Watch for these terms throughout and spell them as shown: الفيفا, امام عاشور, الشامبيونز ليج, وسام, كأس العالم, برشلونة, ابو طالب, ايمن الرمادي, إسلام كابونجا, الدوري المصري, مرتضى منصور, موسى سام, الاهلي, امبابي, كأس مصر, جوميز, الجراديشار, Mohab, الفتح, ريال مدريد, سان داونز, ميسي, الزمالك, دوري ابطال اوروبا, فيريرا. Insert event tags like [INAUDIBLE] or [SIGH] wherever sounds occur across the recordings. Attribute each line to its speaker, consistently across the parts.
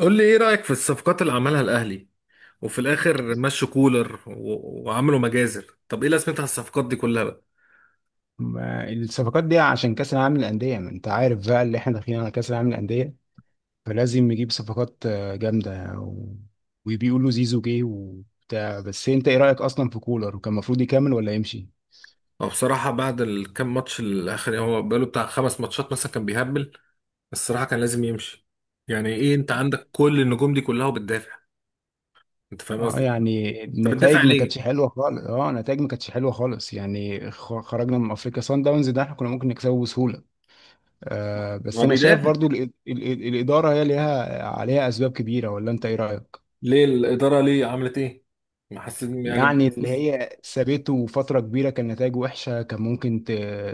Speaker 1: قول لي ايه رأيك في الصفقات اللي عملها الاهلي، وفي الاخر مشوا كولر وعملوا مجازر. طب ايه لازمتها الصفقات دي كلها بقى؟
Speaker 2: ما الصفقات دي عشان كأس العالم للأندية، ما انت عارف بقى اللي احنا داخلين على كأس العالم للأندية، فلازم نجيب صفقات جامدة. وبيقولوا زيزو جه وبتاع. بس انت ايه رأيك اصلا في كولر، وكان المفروض يكمل ولا يمشي؟
Speaker 1: هو بصراحة بعد الكام ماتش الاخر، يعني هو بقاله بتاع خمس ماتشات مثلا كان بيهبل. الصراحة كان لازم يمشي. يعني ايه انت عندك كل النجوم دي كلها وبتدافع؟ انت فاهم
Speaker 2: اه،
Speaker 1: قصدي.
Speaker 2: يعني
Speaker 1: طب بتدافع
Speaker 2: النتائج ما كانتش
Speaker 1: ليه؟
Speaker 2: حلوة خالص، يعني خرجنا من افريقيا. سان داونز ده احنا كنا ممكن نكسبه بسهولة. آه، بس
Speaker 1: هو
Speaker 2: انا شايف
Speaker 1: بيدافع
Speaker 2: برضو الإدارة هي ليها عليها اسباب كبيرة، ولا انت ايه رأيك؟
Speaker 1: ليه؟ الإدارة ليه عملت ايه؟ ما حسيت
Speaker 2: يعني
Speaker 1: يعني.
Speaker 2: اللي هي سابته فترة كبيرة كان نتائجه وحشة. كان ممكن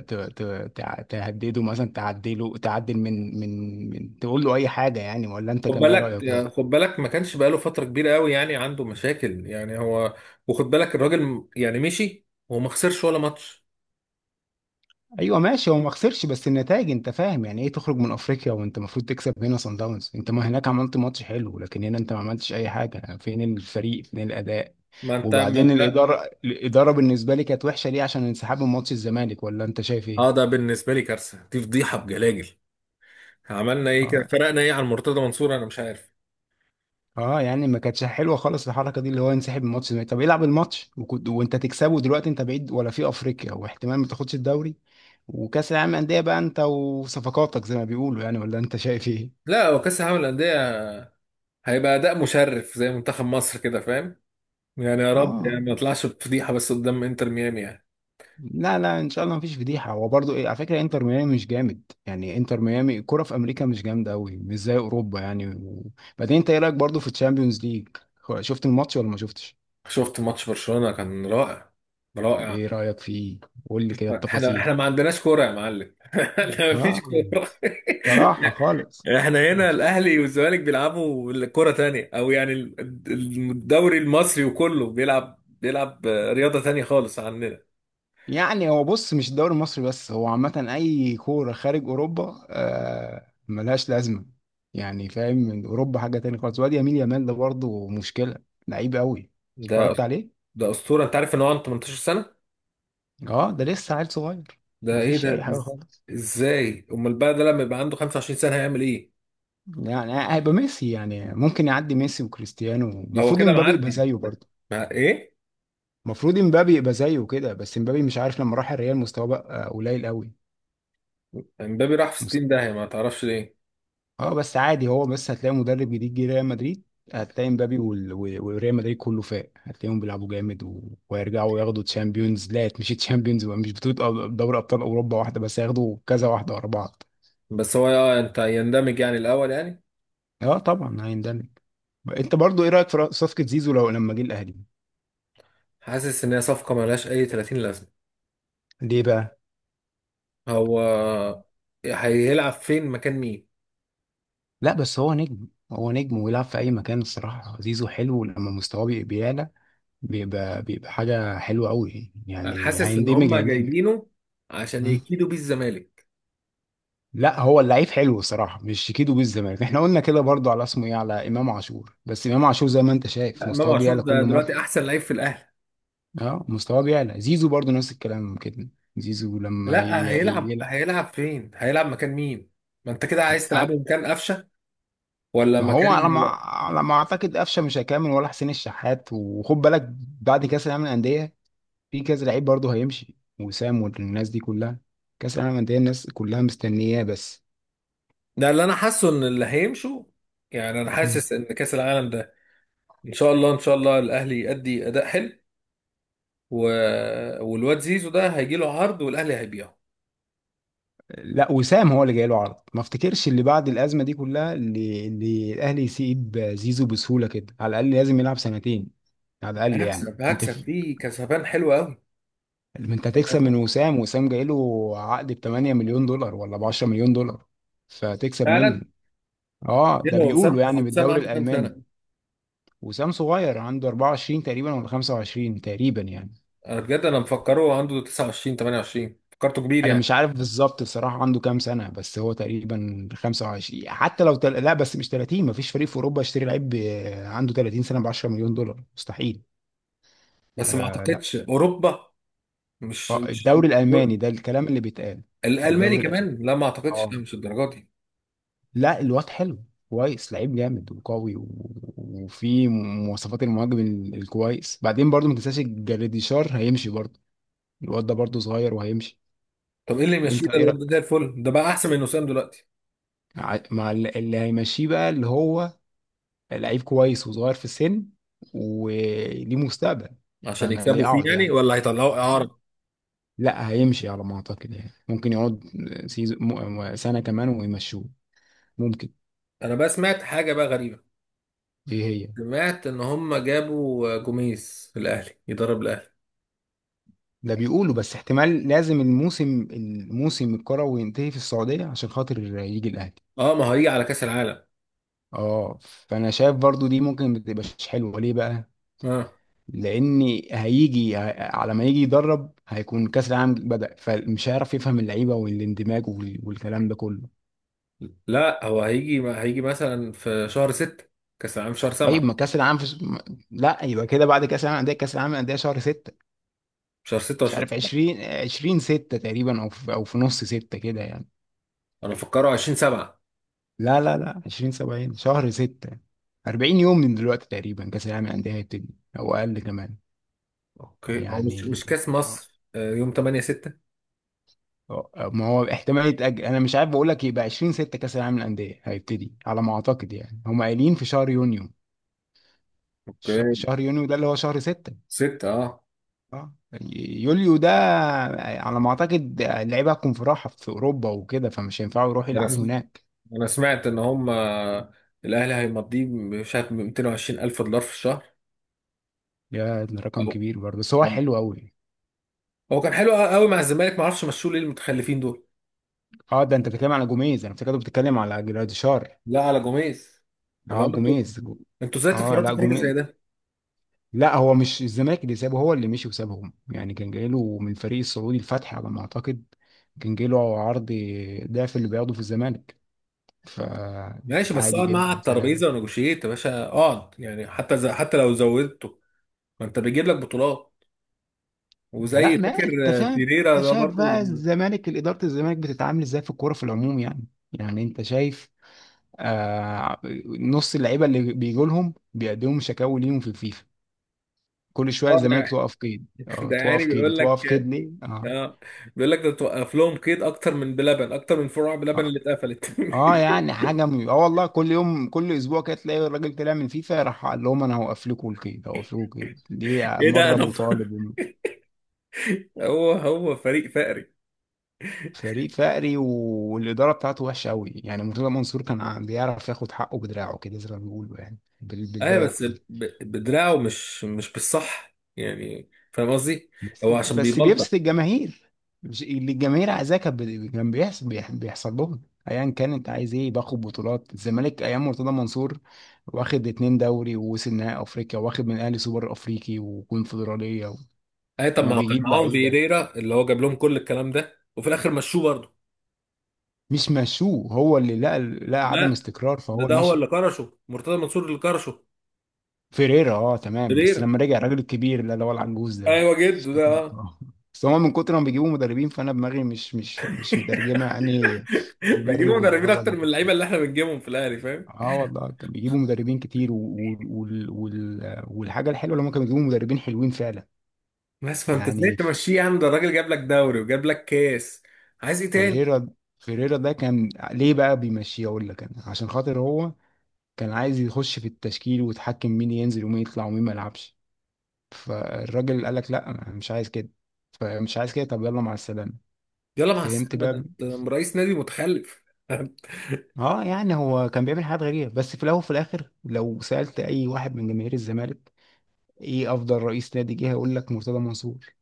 Speaker 2: ت... ت... تهدده مثلا، تعدله، تعدل من تقول له أي حاجة يعني، ولا أنت
Speaker 1: خد
Speaker 2: كان إيه
Speaker 1: بالك،
Speaker 2: رأيك برضه؟
Speaker 1: خد بالك ما كانش بقاله فترة كبيرة قوي يعني عنده مشاكل يعني هو. وخد بالك الراجل يعني مشي وما خسرش ولا ماتش.
Speaker 2: أيوه ماشي، هو ما خسرش، بس النتائج أنت فاهم يعني إيه. تخرج من أفريقيا وأنت المفروض تكسب هنا؟ صن داونز أنت ما هناك عملت ماتش حلو، لكن هنا أنت ما عملتش أي حاجة. فين الفريق، فين الأداء؟
Speaker 1: ما انت ما
Speaker 2: وبعدين
Speaker 1: انت
Speaker 2: الإدارة، بالنسبة لي كانت وحشة. ليه؟ عشان انسحاب من ماتش الزمالك. ولا أنت شايف إيه؟
Speaker 1: اه ده بالنسبة لي كارثة، دي فضيحة بجلاجل. عملنا ايه كده؟
Speaker 2: آه.
Speaker 1: فرقنا ايه عن مرتضى منصور؟ انا مش عارف.
Speaker 2: اه، يعني ما كانتش حلوه خالص الحركه دي، اللي هو ينسحب من الماتش ده. طب العب الماتش وكنت وانت تكسبه. دلوقتي انت بعيد ولا في افريقيا، واحتمال ما تاخدش الدوري وكاس العالم انديه بقى، انت وصفقاتك زي ما بيقولوا يعني، ولا انت شايف ايه؟
Speaker 1: لا، هو كاس العالم للأندية هيبقى أداء مشرف زي منتخب مصر، كده فاهم. يعني يا رب
Speaker 2: اه،
Speaker 1: يعني ما يطلعش بفضيحة بس قدام انتر ميامي يعني.
Speaker 2: لا لا ان شاء الله مفيش فضيحه. هو برضو ايه، على فكره انتر ميامي مش جامد يعني. انتر ميامي الكوره في امريكا مش جامده قوي، مش زي اوروبا يعني. وبعدين انت ايه رايك برضو في الشامبيونز ليج؟ شفت الماتش ولا ما شفتش؟
Speaker 1: شفت ماتش برشلونة، كان رائع، رائع.
Speaker 2: ايه رايك فيه؟ قول لي كده
Speaker 1: احنا
Speaker 2: التفاصيل.
Speaker 1: احنا ما عندناش كوره يا معلم. [LAUGHS] احنا ما فيش
Speaker 2: اه،
Speaker 1: كوره.
Speaker 2: صراحة خالص.
Speaker 1: [LAUGHS] احنا هنا الاهلي والزمالك بيلعبوا كوره تانية، او يعني الدوري المصري، وكله بيلعب رياضه تانية خالص عننا.
Speaker 2: يعني هو بص، مش الدوري المصري بس، هو عامة أي كورة خارج أوروبا ملهاش لازمة يعني فاهم. من أوروبا حاجة تانية خالص. وادي يمين يامال ده برضه مشكلة، لعيب قوي.
Speaker 1: ده
Speaker 2: اتفرجت
Speaker 1: أس-
Speaker 2: عليه؟
Speaker 1: ده اسطوره، انت عارف ان هو عنده 18 سنه؟
Speaker 2: اه، ده لسه عيل صغير.
Speaker 1: ده ايه
Speaker 2: مفيش أي
Speaker 1: ده
Speaker 2: حاجة خالص.
Speaker 1: ازاي امال بقى ده لما يبقى عنده 25 سنه هيعمل ايه؟
Speaker 2: يعني هيبقى ميسي يعني، ممكن يعدي ميسي وكريستيانو.
Speaker 1: ده هو
Speaker 2: المفروض
Speaker 1: كده
Speaker 2: امبابي يبقى
Speaker 1: معدي.
Speaker 2: زيه برضه،
Speaker 1: مع ايه؟
Speaker 2: المفروض امبابي يبقى زيه كده. بس امبابي مش عارف، لما راح الريال مستواه بقى قليل قوي.
Speaker 1: امبابي راح في 60 داهيه، ما تعرفش ليه؟
Speaker 2: اه، بس عادي هو. بس هتلاقي مدرب جديد جه ريال مدريد، هتلاقي مبابي وريال مدريد كله فاق. هتلاقيهم بيلعبوا جامد ويرجعوا ياخدوا تشامبيونز، لا مش تشامبيونز، مش بطولة، دوري ابطال اوروبا واحدة بس، هياخدوا كذا واحدة ورا بعض.
Speaker 1: بس هو، انت يندمج يعني الاول يعني.
Speaker 2: اه طبعا هيندمج. انت برضو ايه رأيك في صفقة زيزو لو لما جه الاهلي؟
Speaker 1: حاسس ان هي صفقه ملهاش اي 30 لازمه.
Speaker 2: ليه بقى؟
Speaker 1: هو هيلعب فين، مكان مين؟
Speaker 2: لا، بس هو نجم، هو نجم ويلعب في اي مكان. الصراحه زيزو حلو، ولما مستواه بيعلى بيبقى حاجه حلوه قوي
Speaker 1: انا
Speaker 2: يعني،
Speaker 1: حاسس ان
Speaker 2: هيندمج
Speaker 1: هم
Speaker 2: هيندمج.
Speaker 1: جايبينه عشان يكيدوا بيه الزمالك.
Speaker 2: لا، هو اللعيب حلو الصراحه، مش شيكيدو بالزمالك. احنا قلنا كده برضو على اسمه ايه، على امام عاشور. بس امام عاشور زي ما انت شايف
Speaker 1: لا، امام
Speaker 2: مستواه
Speaker 1: عاشور
Speaker 2: بيعلى
Speaker 1: ده
Speaker 2: كل مره.
Speaker 1: دلوقتي احسن لعيب في الاهلي.
Speaker 2: اه، مستواه بيعلى. زيزو برضو نفس الكلام كده، زيزو لما
Speaker 1: لا، هيلعب
Speaker 2: يلعب.
Speaker 1: هيلعب فين؟ هيلعب مكان مين؟ ما انت كده عايز تلعبه مكان قفشه ولا
Speaker 2: ما هو
Speaker 1: مكان.
Speaker 2: على ما اعتقد قفشه مش هيكمل، ولا حسين الشحات، وخد بالك. بعد كاس العالم للانديه في كذا لعيب برضو هيمشي، وسام والناس دي كلها. كاس العالم للانديه الناس كلها مستنياه بس.
Speaker 1: ده اللي انا حاسه، ان اللي هيمشوا، يعني انا حاسس ان كاس العالم ده ان شاء الله، ان شاء الله الاهلي يؤدي اداء حلو و... والواد زيزو ده هيجي له عرض والاهلي هيبيعه.
Speaker 2: لا، وسام هو اللي جاي له عرض. ما افتكرش اللي بعد الازمه دي كلها، اللي الاهلي يسيب زيزو بسهوله كده. على الاقل لازم يلعب سنتين، على الاقل يعني.
Speaker 1: هكسب هكسب فيه كسبان حلو قوي.
Speaker 2: انت
Speaker 1: فاهم
Speaker 2: هتكسب من
Speaker 1: قصدي؟
Speaker 2: وسام. وسام جاي له عقد ب 8 مليون دولار ولا ب 10 مليون دولار، فتكسب منه.
Speaker 1: فعلا.
Speaker 2: اه، ده
Speaker 1: يلا، هو وسام
Speaker 2: بيقولوا
Speaker 1: هو
Speaker 2: يعني
Speaker 1: وسام
Speaker 2: بالدوري
Speaker 1: عنده كام
Speaker 2: الالماني.
Speaker 1: سنة؟
Speaker 2: وسام صغير، عنده 24 تقريبا ولا 25 تقريبا يعني.
Speaker 1: أنا بجد أنا مفكره عنده 29، 28، فكرته كبير
Speaker 2: انا
Speaker 1: يعني.
Speaker 2: مش عارف بالظبط بصراحه عنده كام سنه، بس هو تقريبا 25، حتى لو لا بس مش 30. مفيش فريق في اوروبا يشتري لعيب عنده 30 سنه ب 10 مليون دولار، مستحيل.
Speaker 1: بس ما
Speaker 2: آه لا،
Speaker 1: أعتقدش أوروبا. مش
Speaker 2: آه
Speaker 1: مش
Speaker 2: الدوري الالماني، ده الكلام اللي بيتقال،
Speaker 1: الألماني
Speaker 2: الدوري الالماني.
Speaker 1: كمان، لا ما أعتقدش،
Speaker 2: اه
Speaker 1: لا مش الدرجات دي.
Speaker 2: لا الواد حلو كويس، لعيب جامد وقوي، وفي مواصفات المهاجم الكويس. بعدين برضو ما تنساش الجراديشار هيمشي برضو، الواد ده برضو صغير وهيمشي.
Speaker 1: طب إيه اللي يمشيه
Speaker 2: انت
Speaker 1: ده؟
Speaker 2: ايه
Speaker 1: الواد ده
Speaker 2: رأيك
Speaker 1: زي الفل ده، بقى أحسن من وسام دلوقتي.
Speaker 2: مع اللي هيمشيه بقى، اللي هو لعيب كويس وصغير في السن وليه مستقبل.
Speaker 1: عشان
Speaker 2: فانا
Speaker 1: يكسبوا
Speaker 2: ليه
Speaker 1: فيه
Speaker 2: اقعد
Speaker 1: يعني
Speaker 2: يعني؟
Speaker 1: ولا هيطلعوا
Speaker 2: آه.
Speaker 1: إعارة؟
Speaker 2: لا هيمشي على ما اعتقد يعني، ممكن يقعد سيزون سنة كمان ويمشوه، ممكن.
Speaker 1: أنا بقى سمعت حاجة بقى غريبة.
Speaker 2: ايه هي؟
Speaker 1: سمعت إن هم جابوا جوميز الأهلي يدرب الأهلي.
Speaker 2: ده بيقولوا بس احتمال لازم الموسم الكروي ينتهي في السعودية عشان خاطر يجي الاهلي.
Speaker 1: أه ما هو هيجي على كأس العالم.
Speaker 2: اه، فانا شايف برضو دي ممكن ما تبقاش حلوة. ليه بقى؟
Speaker 1: أه،
Speaker 2: لان هيجي، على ما يجي يدرب هيكون كاس العالم بدأ، فمش هيعرف يفهم اللعيبة والاندماج والكلام ده كله.
Speaker 1: لا هو هيجي مثلا في شهر 6، كأس العالم في شهر
Speaker 2: طيب
Speaker 1: 7.
Speaker 2: ما كاس العالم، لا، يبقى كده بعد كاس العالم للانديه شهر 6،
Speaker 1: شهر
Speaker 2: مش
Speaker 1: 16
Speaker 2: عارف
Speaker 1: طبعا.
Speaker 2: 20 20 6 تقريبا، او في نص 6 كده يعني.
Speaker 1: انا مفكره 20 7.
Speaker 2: لا لا لا 20 70 شهر 6. 40 يوم من دلوقتي تقريبا كاس العالم للانديه هيبتدي، او اقل كمان.
Speaker 1: اوكي، هو مش
Speaker 2: يعني،
Speaker 1: مش كاس
Speaker 2: آه،
Speaker 1: مصر، يوم 8 6؟
Speaker 2: ما هو احتمال يتاجل. انا مش عارف بقول لك، يبقى 20 6 كاس العالم للانديه هيبتدي على ما اعتقد، يعني هم قايلين في شهر يونيو.
Speaker 1: اوكي.
Speaker 2: شهر يونيو ده اللي هو شهر 6.
Speaker 1: 6، اه.
Speaker 2: اه، يوليو ده على ما اعتقد اللعيبه هتكون في راحه في اوروبا وكده، فمش هينفعوا يروحوا
Speaker 1: ده انا
Speaker 2: يلعبوا
Speaker 1: سم-
Speaker 2: هناك.
Speaker 1: انا سمعت ان هم، الاهلي هيمضيه مش عارف 220 الف دولار في الشهر.
Speaker 2: يا ده
Speaker 1: او
Speaker 2: رقم كبير برضه، بس هو
Speaker 1: أو-
Speaker 2: حلو قوي.
Speaker 1: هو كان حلو قوي مع الزمالك، ما اعرفش مشوه ليه المتخلفين دول.
Speaker 2: اه، ده انت بتتكلم على جوميز، انا افتكرت بتتكلم على جراديشار.
Speaker 1: لا على جوميز، اللي هو
Speaker 2: اه
Speaker 1: انتوا
Speaker 2: جوميز.
Speaker 1: انتوا ازاي
Speaker 2: اه لا
Speaker 1: تفرطوا في راجل
Speaker 2: جوميز.
Speaker 1: زي ده؟
Speaker 2: لا، هو مش الزمالك اللي سابه، هو اللي مشي وسابهم يعني. كان جايله من الفريق السعودي الفتح على ما اعتقد، كان جايله عرض ضعف اللي بياخده في الزمالك،
Speaker 1: ماشي، بس
Speaker 2: فعادي
Speaker 1: اقعد معاه على
Speaker 2: جدا. سلام.
Speaker 1: الترابيزه ونجوشيت يا باشا، اقعد يعني، حتى حتى لو زودته. ما انت بيجيب لك بطولات،
Speaker 2: لا،
Speaker 1: وزي
Speaker 2: ما
Speaker 1: فاكر.
Speaker 2: انت فاهم.
Speaker 1: فيريرا
Speaker 2: انت
Speaker 1: ده
Speaker 2: شايف
Speaker 1: برضو
Speaker 2: بقى
Speaker 1: لما،
Speaker 2: الزمالك، اداره الزمالك بتتعامل ازاي في الكوره في العموم يعني انت شايف، آه، نص اللعيبه اللي بيجوا لهم بيقدموا شكاوي ليهم في الفيفا. كل شويه
Speaker 1: اه
Speaker 2: الزمالك
Speaker 1: ده
Speaker 2: توقف قيد،
Speaker 1: [LAUGHS] ده يعني
Speaker 2: توقف قيد،
Speaker 1: بيقول لك،
Speaker 2: توقف قيد، ليه؟ اه.
Speaker 1: اه بيقول لك ده توقف لهم قيد اكتر من بلبن، اكتر من فروع بلبن
Speaker 2: اه,
Speaker 1: اللي اتقفلت.
Speaker 2: آه يعني حاجه، م... اه والله كل يوم كل اسبوع كده تلاقي الراجل طلع من فيفا راح قال لهم انا هوقف لكم القيد، هوقف لكم القيد، دي
Speaker 1: [LAUGHS] ايه ده؟
Speaker 2: مره ابو طالب.
Speaker 1: [LAUGHS] هو فريق فقري.
Speaker 2: فريق فقري، والإدارة بتاعته وحشة قوي يعني. مرتضى منصور كان بيعرف ياخد حقه بدراعه كده زي ما بيقولوا يعني،
Speaker 1: اه
Speaker 2: بالبلد
Speaker 1: بس
Speaker 2: دي.
Speaker 1: بدراعه، مش بالصح، يعني فاهم قصدي.
Speaker 2: بس
Speaker 1: هو عشان
Speaker 2: بس
Speaker 1: بيبلطج.
Speaker 2: بيبسط الجماهير، اللي الجماهير عايزاه كان كان بيحصل، بيحصل لهم. ايا كان، انت عايز ايه، باخد بطولات الزمالك ايام مرتضى منصور، واخد اتنين دوري، ووصل نهائي افريقيا، واخد من الاهلي سوبر افريقي وكونفدراليه،
Speaker 1: اه طب ما هو كان
Speaker 2: وبيجيب
Speaker 1: معاهم
Speaker 2: لعيبه.
Speaker 1: فيريرا اللي هو جاب لهم كل الكلام ده، وفي الاخر مشوه برضه.
Speaker 2: مش مشوه، هو اللي لقى عدم
Speaker 1: لا،
Speaker 2: استقرار
Speaker 1: ده
Speaker 2: فهو
Speaker 1: ده هو اللي
Speaker 2: مشي.
Speaker 1: كرشه، مرتضى منصور اللي كرشه.
Speaker 2: فيريرا، اه تمام. بس
Speaker 1: فيريرا،
Speaker 2: لما رجع الراجل الكبير اللي هو العنجوز ده،
Speaker 1: ايوه جده ده،
Speaker 2: افتكرت.
Speaker 1: اه.
Speaker 2: اه. بس هما من كتر ما بيجيبوا مدربين، فانا دماغي مش مترجمه اني.
Speaker 1: [LAUGHS] بيجيبوا
Speaker 2: مدرب
Speaker 1: مدربين
Speaker 2: الاول
Speaker 1: اكتر
Speaker 2: من.
Speaker 1: من اللعيبه اللي احنا بنجيبهم في الاهلي، فاهم.
Speaker 2: اه والله كان بيجيبوا مدربين كتير، والحاجه الحلوه اللي هما كانوا بيجيبوا مدربين حلوين فعلا.
Speaker 1: بس فانت ازاي
Speaker 2: يعني
Speaker 1: تمشيه يا عم؟ ده الراجل جاب لك دوري وجاب لك كاس، عايز ايه تاني؟
Speaker 2: فيريرا فيريرا ده كان ليه بقى بيمشيه؟ اقول لك انا، عشان خاطر هو كان عايز يخش في التشكيل ويتحكم مين ينزل ومين يطلع ومين ما يلعبش. فالراجل قال لك لا أنا مش عايز كده، فمش عايز كده، طب يلا مع السلامه.
Speaker 1: يلا مع
Speaker 2: فهمت
Speaker 1: السلامه، ده
Speaker 2: بقى.
Speaker 1: انت رئيس نادي متخلف. [LAUGHS]
Speaker 2: اه، يعني هو كان بيعمل حاجات غريبة. بس في الاول وفي الاخر لو سألت اي واحد من جماهير الزمالك ايه افضل رئيس نادي جه، هيقول لك مرتضى منصور.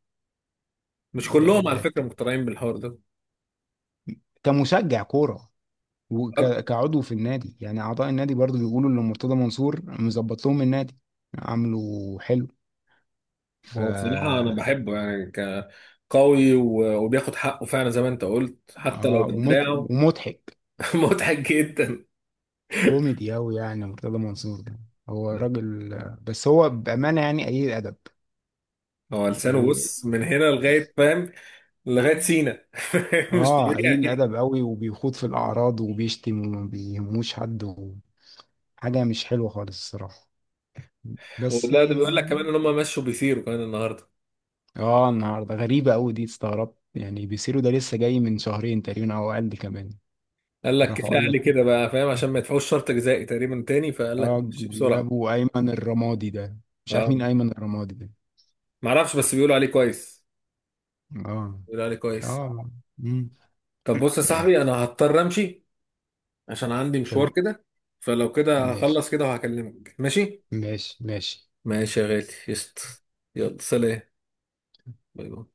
Speaker 1: مش
Speaker 2: ده
Speaker 1: كلهم على
Speaker 2: ده
Speaker 1: فكره مقتنعين بالحوار ده.
Speaker 2: كمشجع كورة وكعضو في النادي يعني، اعضاء النادي برضو بيقولوا ان مرتضى منصور مظبط لهم النادي، عامله حلو. ف
Speaker 1: ما هو بصراحه انا بحبه يعني، كقوي وبياخد حقه فعلا زي ما انت قلت، حتى لو
Speaker 2: اه،
Speaker 1: بدراعه.
Speaker 2: ومضحك،
Speaker 1: [LAUGHS] مضحك جدا.
Speaker 2: كوميدي اوي يعني مرتضى منصور ده. هو راجل، بس هو بأمانة يعني قليل الادب.
Speaker 1: هو
Speaker 2: و...
Speaker 1: لسانه، بص، من هنا لغايه فاهم، لغايه سينا. [LAUGHS] مش
Speaker 2: اه، قليل
Speaker 1: طبيعي.
Speaker 2: الادب قوي، وبيخوض في الاعراض وبيشتم وما بيهموش حد. حاجه مش حلوه خالص الصراحه، بس.
Speaker 1: ولا ده بيقول لك كمان ان هم مشوا بيثيروا كمان النهارده.
Speaker 2: اه، النهارده غريبه قوي دي، استغربت يعني. بيسيرو ده لسه جاي من شهرين تقريبا او اقل كمان.
Speaker 1: قال لك
Speaker 2: راحوا
Speaker 1: كفايه
Speaker 2: قال لك.
Speaker 1: عليه كده بقى، فاهم، عشان ما يدفعوش شرط جزائي تقريبا تاني، فقال لك
Speaker 2: اه،
Speaker 1: مشي [LAUGHS] بسرعه.
Speaker 2: جابوا ايمن الرمادي ده، مش عارف
Speaker 1: اه،
Speaker 2: مين ايمن الرمادي ده.
Speaker 1: ما اعرفش، بس بيقولوا عليه كويس،
Speaker 2: اه.
Speaker 1: بيقولوا عليه كويس.
Speaker 2: اه. مم.
Speaker 1: طب بص يا صاحبي،
Speaker 2: [CLEARS THROAT]
Speaker 1: انا هضطر امشي عشان عندي مشوار
Speaker 2: تمام.
Speaker 1: كده. فلو كده
Speaker 2: ماشي،
Speaker 1: هخلص كده وهكلمك، ماشي؟
Speaker 2: ماشي، ماشي.
Speaker 1: ماشي يا غالي، قشطة. يلا سلام، باي باي.